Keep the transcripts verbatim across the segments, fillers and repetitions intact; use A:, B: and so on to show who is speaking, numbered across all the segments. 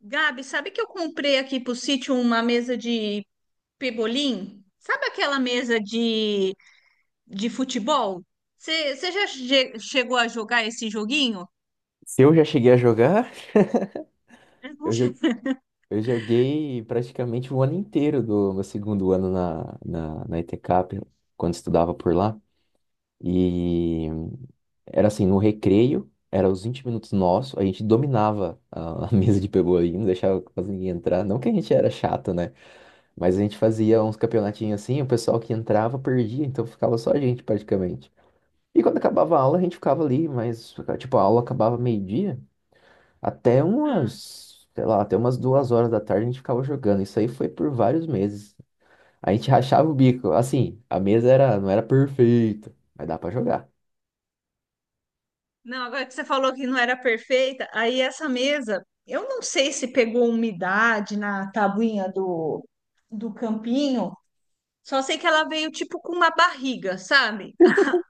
A: Gabi, sabe que eu comprei aqui pro sítio uma mesa de pebolim? Sabe aquela mesa de, de futebol? Você já che- chegou a jogar esse joguinho?
B: Se eu já cheguei a jogar, eu jo- eu joguei praticamente o ano inteiro do meu segundo ano na, na, na E T CAP, quando estudava por lá. E era assim, no recreio, era os vinte minutos nosso, a gente dominava a, a mesa de pebolim, não deixava quase ninguém entrar. Não que a gente era chato, né? Mas a gente fazia uns campeonatinhos assim, o pessoal que entrava perdia, então ficava só a gente praticamente. E quando acabava a aula, a gente ficava ali, mas tipo, a aula acabava meio-dia. Até
A: Ah.
B: umas, sei lá, até umas duas horas da tarde a gente ficava jogando. Isso aí foi por vários meses. A gente rachava o bico. Assim, a mesa era, não era perfeita, mas dá pra jogar.
A: Não, agora que você falou que não era perfeita, aí essa mesa, eu não sei se pegou umidade na tabuinha do, do campinho, só sei que ela veio tipo com uma barriga, sabe?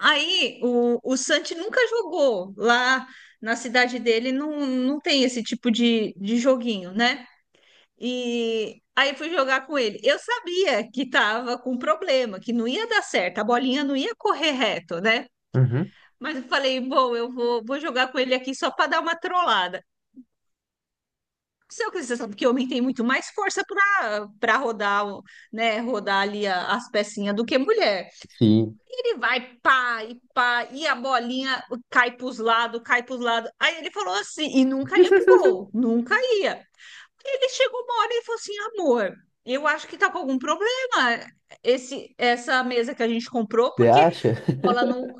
A: Aí o, o Santi nunca jogou. Lá na cidade dele não, não tem esse tipo de, de joguinho, né? E aí fui jogar com ele. Eu sabia que tava com problema, que não ia dar certo, a bolinha não ia correr reto, né?
B: Uhum.
A: Mas eu falei, bom, eu vou, vou jogar com ele aqui só para dar uma trollada. Só que você sabe que homem tem muito mais força para para rodar, o- né, rodar ali a- as pecinhas do que mulher.
B: Sim.
A: Ele vai pá e pá, e a bolinha cai pros lados, cai pros lados. Aí ele falou assim, e nunca ia pro gol, nunca ia. Ele chegou uma hora e falou assim, amor, eu acho que tá com algum problema esse, essa mesa que a gente comprou,
B: Você
A: porque a
B: acha?
A: bola não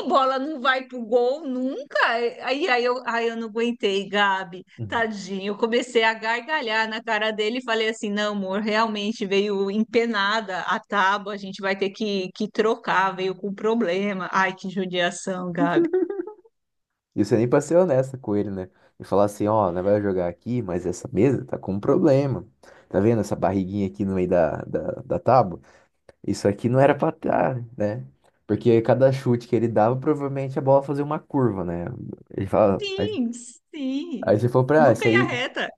A: a bola não vai pro gol nunca. Aí, aí, eu, aí eu não aguentei, Gabi,
B: Uhum.
A: tadinho. Eu comecei a gargalhar na cara dele e falei assim: não, amor, realmente veio empenada a tábua, a gente vai ter que, que trocar, veio com problema. Ai, que judiação, Gabi.
B: E você nem pra ser honesta com ele, né? E falar assim, ó, nós vai jogar aqui, mas essa mesa tá com um problema. Tá vendo essa barriguinha aqui no meio da, da, da tábua? Isso aqui não era pra estar, né? Porque cada chute que ele dava, provavelmente a bola fazia uma curva, né? Ele fala,
A: Sim,
B: aí
A: sim.
B: você falou pra, ah, isso
A: Nunca ia
B: aí.
A: reta.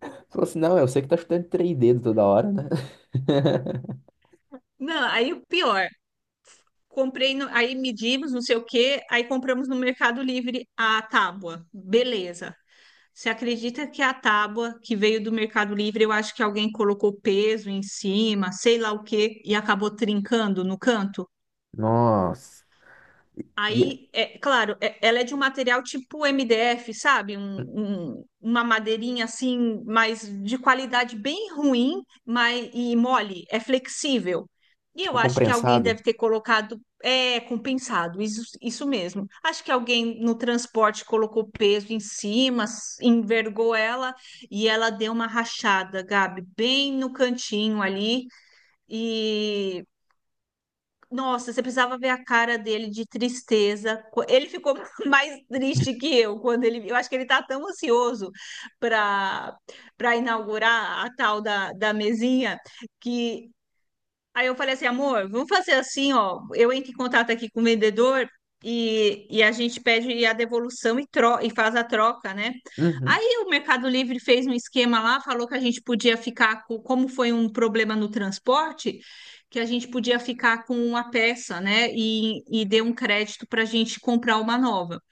B: Você falou assim, não, eu sei que tá chutando três dedos toda hora, né?
A: Não, aí o pior. Comprei, no- aí medimos, não sei o quê, aí compramos no Mercado Livre a tábua. Beleza. Você acredita que a tábua que veio do Mercado Livre, eu acho que alguém colocou peso em cima, sei lá o quê, e acabou trincando no canto?
B: Nossa. E,
A: Aí, é claro, é- ela é de um material tipo M D F, sabe? Um- um- uma madeirinha assim, mas de qualidade bem ruim, mas e mole, é flexível. E eu
B: tipo,
A: acho que alguém
B: compensado.
A: deve ter colocado, é compensado, isso, isso mesmo. Acho que alguém no transporte colocou peso em cima, s- envergou ela e ela deu uma rachada, Gabi, bem no cantinho ali. E nossa, você precisava ver a cara dele de tristeza. Co- Ele ficou mais triste que eu quando ele. Eu acho que ele tá tão ansioso para para inaugurar a tal da, da mesinha que aí eu falei assim, amor, vamos fazer assim, ó. Eu entro em contato aqui com o vendedor e, e a gente pede a devolução e, tro e faz a troca, né?
B: Uhum.
A: Aí o Mercado Livre fez um esquema lá, falou que a gente podia ficar com, como foi um problema no transporte, que a gente podia ficar com uma peça, né? E, e deu um crédito para a gente comprar uma nova.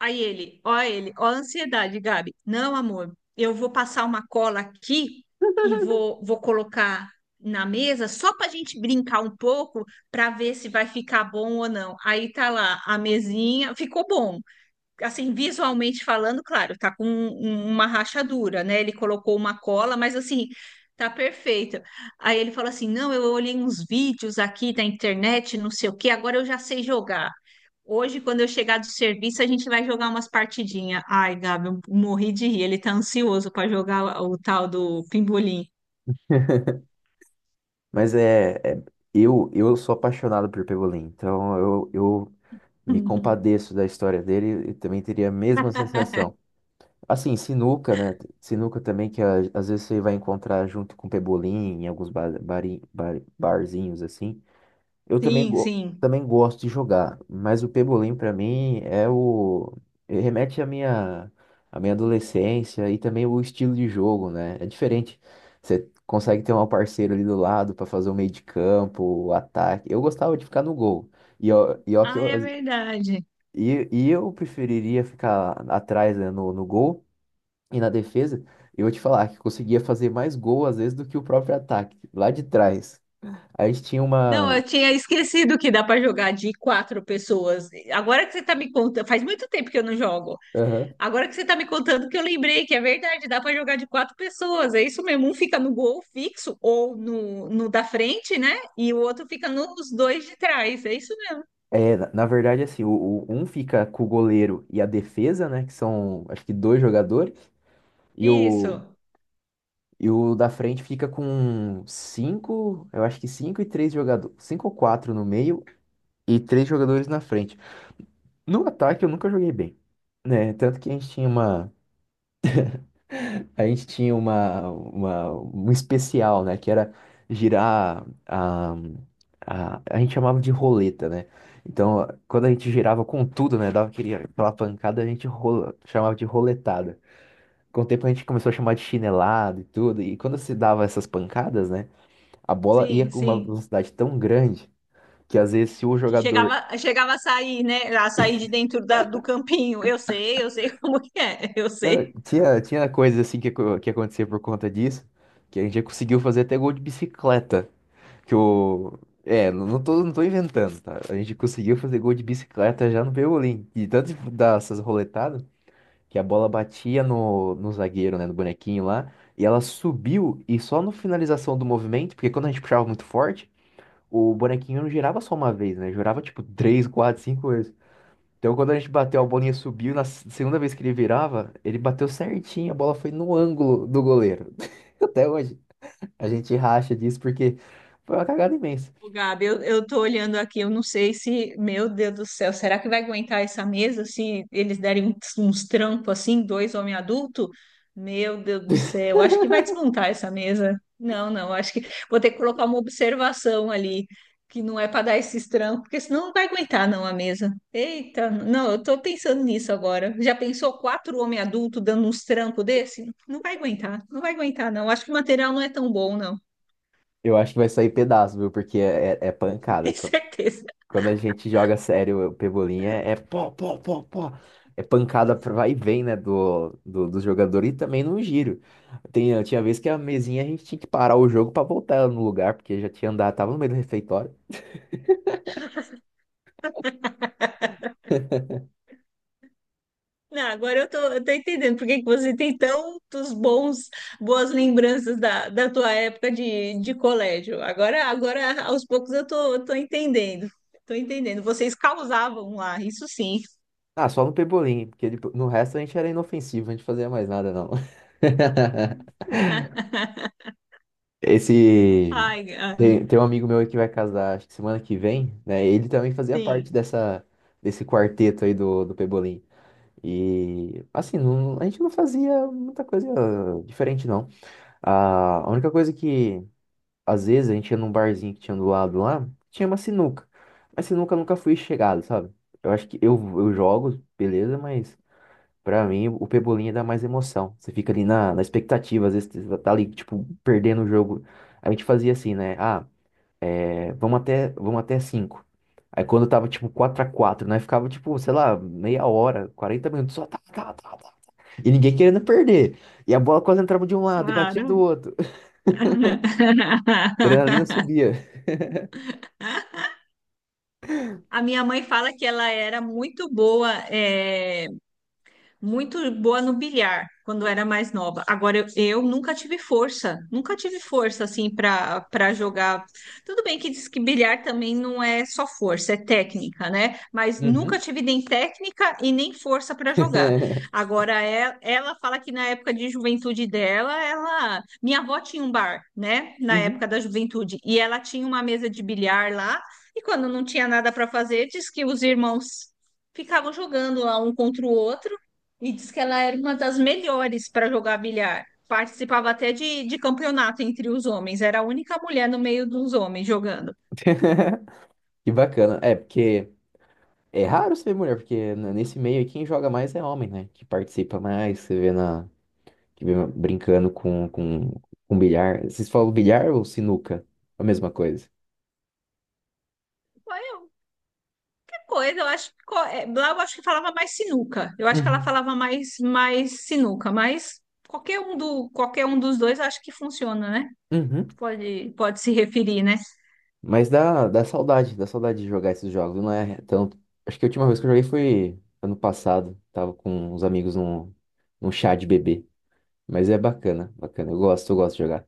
A: Aí ele, ó ele, ó a ansiedade, Gabi. Não, amor, eu vou passar uma cola aqui e vou, vou colocar na mesa só para a gente brincar um pouco para ver se vai ficar bom ou não. Aí tá lá a mesinha, ficou bom assim, visualmente falando, claro, tá com um- um, uma rachadura, né? Ele colocou uma cola, mas assim, tá perfeito. Aí ele falou assim: não, eu olhei uns vídeos aqui da internet, não sei o quê, agora eu já sei jogar. Hoje, quando eu chegar do serviço, a gente vai jogar umas partidinhas. Ai, Gabi, eu morri de rir. Ele tá ansioso para jogar o o tal do pimbolim.
B: Mas é, é- eu, eu sou apaixonado por Pebolim, então eu, eu me compadeço da história dele e também teria a mesma sensação. Assim, sinuca, né? Sinuca também, que a- às vezes você vai encontrar junto com Pebolim em alguns bar, bari- bar- barzinhos, assim. Eu também,
A: Sim,
B: go-
A: sim.
B: também gosto de jogar, mas o pebolim pra mim é o ele remete à minha à minha adolescência e também o estilo de jogo, né? É diferente. Você consegue ter um parceiro ali do lado pra fazer o meio de campo, o ataque. Eu gostava de ficar no gol. E ó, e ó que
A: Ah,
B: eu,
A: é verdade.
B: e, e eu preferiria ficar atrás, né, no, no gol e na defesa. Eu vou te falar que eu conseguia fazer mais gol às vezes do que o próprio ataque, lá de trás. A gente tinha
A: Não,
B: uma.
A: eu tinha esquecido que dá para jogar de quatro pessoas. Agora que você tá me contando, faz muito tempo que eu não jogo.
B: Aham.
A: Agora que você tá me contando que eu lembrei que é verdade, dá para jogar de quatro pessoas. É isso mesmo, um fica no gol fixo ou no, no da frente, né? E o outro fica nos dois de trás. É isso mesmo.
B: É, na na verdade, assim, o, o- um fica com o goleiro e a defesa, né? Que são, acho que dois jogadores. E o,
A: Isso.
B: e o da frente fica com cinco, eu acho que cinco e três jogadores. Cinco ou quatro no meio e três jogadores na frente. No ataque eu nunca joguei bem, né? Tanto que a gente tinha uma. A gente tinha uma, uma, um especial, né? Que era girar a, a, a gente chamava de roleta, né? Então, quando a gente girava com tudo, né? Dava aquele- aquela pancada, a gente rola, chamava de roletada. Com o tempo a gente começou a chamar de chinelada e tudo. E quando se dava essas pancadas, né? A bola ia
A: Sim,
B: com uma
A: sim.
B: velocidade tão grande que às vezes se o
A: Que
B: jogador.
A: chegava, chegava a sair, né? A sair de dentro da- do campinho. Eu sei, eu sei como que é. Eu
B: Não,
A: sei.
B: tinha, tinha coisas assim que, acon- que acontecia por conta disso, que a gente já conseguiu fazer até gol de bicicleta. Que o. É, não não tô, não tô inventando, tá? A gente conseguiu fazer gol de bicicleta já no Pebolim. E tanto de dar essas roletadas que a bola batia no, no zagueiro, né? No bonequinho lá. E ela subiu e só no finalização do movimento, porque quando a gente puxava muito forte, o bonequinho não girava só uma vez, né? Girava tipo três, quatro, cinco vezes. Então quando a gente bateu, a bolinha subiu. Na s- segunda vez que ele virava, ele bateu certinho. A bola foi no ângulo do goleiro. Até hoje. A gente racha disso porque foi uma cagada imensa.
A: Ô, Gabi, eu, eu tô olhando aqui, eu não sei se, meu Deus do céu, será que vai aguentar essa mesa se eles derem uns, uns trampos assim, dois homens adultos? Meu Deus do céu, acho que vai desmontar essa mesa. Não, não, acho que vou ter que colocar uma observação ali, que não é para dar esses trampos, porque senão não vai aguentar não a mesa. Eita, não, eu tô pensando nisso agora. Já pensou quatro homens adultos dando uns trampos desse? Não vai aguentar, não vai aguentar não. Acho que o material não é tão bom, não.
B: Eu acho que vai sair pedaço, viu? Porque é, é- é pancada.
A: Tenho
B: Qu-
A: certeza.
B: Quando a gente joga sério o pebolim é, é pó, pó, pó, pó. É pancada pra vai e vem, né? Do, do, do jogador e também no giro. Tem, tinha vez que a mesinha a gente tinha que parar o jogo pra voltar ela no lugar, porque já tinha andado, tava no meio do refeitório.
A: Não, agora eu tô, eu tô entendendo por que que você tem tantos bons, boas lembranças da, da tua época de, de colégio. Agora, agora, aos poucos, eu tô, eu tô entendendo. Tô entendendo. Vocês causavam lá, isso sim.
B: Ah, só no pebolim, porque ele- no resto a gente era inofensivo, a gente fazia mais nada, não. Esse.
A: Ai, ah,
B: Tem, tem um amigo meu aí que vai casar, acho que semana que vem, né? Ele também fazia parte
A: sim,
B: dessa, desse quarteto aí do, do Pebolim. E, assim, não- a gente não fazia muita coisa diferente, não. A, a única coisa que, às vezes, a gente ia num barzinho que tinha do lado lá, tinha uma sinuca. Mas sinuca eu nunca fui chegado, sabe? Eu acho que eu, eu jogo, beleza, mas pra mim, o Pebolinha dá mais emoção. Você fica ali na, na expectativa, às vezes você tá ali, tipo, perdendo o jogo. A gente fazia assim, né? Ah, é, vamos até, vamos até cinco. Aí quando tava, tipo, quatro a quatro, né? Ficava, tipo, sei lá, meia hora, quarenta minutos, só tá, tá, tá, tá. E ninguém querendo perder. E a bola quase entrava de um lado e batia do
A: claro.
B: outro. adrenalina subia.
A: A minha mãe fala que ela era muito boa, eh, muito boa no bilhar quando era mais nova. Agora eu, eu nunca tive força, nunca tive força assim para para jogar. Tudo bem que diz que bilhar também não é só força, é técnica, né? Mas nunca
B: Uhum.
A: tive nem técnica e nem força para jogar. Agora é- ela fala que na época de juventude dela, ela, minha avó tinha um bar, né? Na
B: Uhum.
A: época da juventude e ela tinha uma mesa de bilhar lá. E quando não tinha nada para fazer, diz que os irmãos ficavam jogando lá um contra o outro e diz que ela era uma das melhores para jogar bilhar. Participava até de, de campeonato entre os homens. Era a única mulher no meio dos homens jogando.
B: Que bacana. É, porque é raro você ver mulher, porque n- nesse meio aí quem joga mais é homem, né? Que participa mais, você vê na que vem brincando com, com, com bilhar. Vocês falam bilhar ou sinuca? A mesma coisa.
A: Foi outra coisa, eu acho que co- é, Lá eu acho que falava mais sinuca. Eu acho que ela
B: Uhum.
A: falava mais mais sinuca, mas qualquer um do qualquer um dos dois acho que funciona, né?
B: Uhum.
A: Pode pode se referir, né?
B: Mas dá, dá saudade, dá saudade de jogar esses jogos. Não é tanto. Acho que a última vez que eu joguei foi ano passado. Tava com uns amigos num, num chá de bebê. Mas é bacana, bacana. Eu gosto, eu gosto de jogar.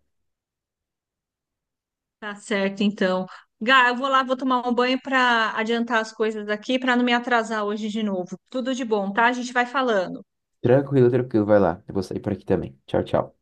A: Tá certo, então. Gá, eu vou lá, vou tomar um banho para adiantar as coisas aqui, para não me atrasar hoje de novo. Tudo de bom, tá? A gente vai falando.
B: Tranquilo, tranquilo, vai lá. Eu vou sair por aqui também. Tchau, tchau.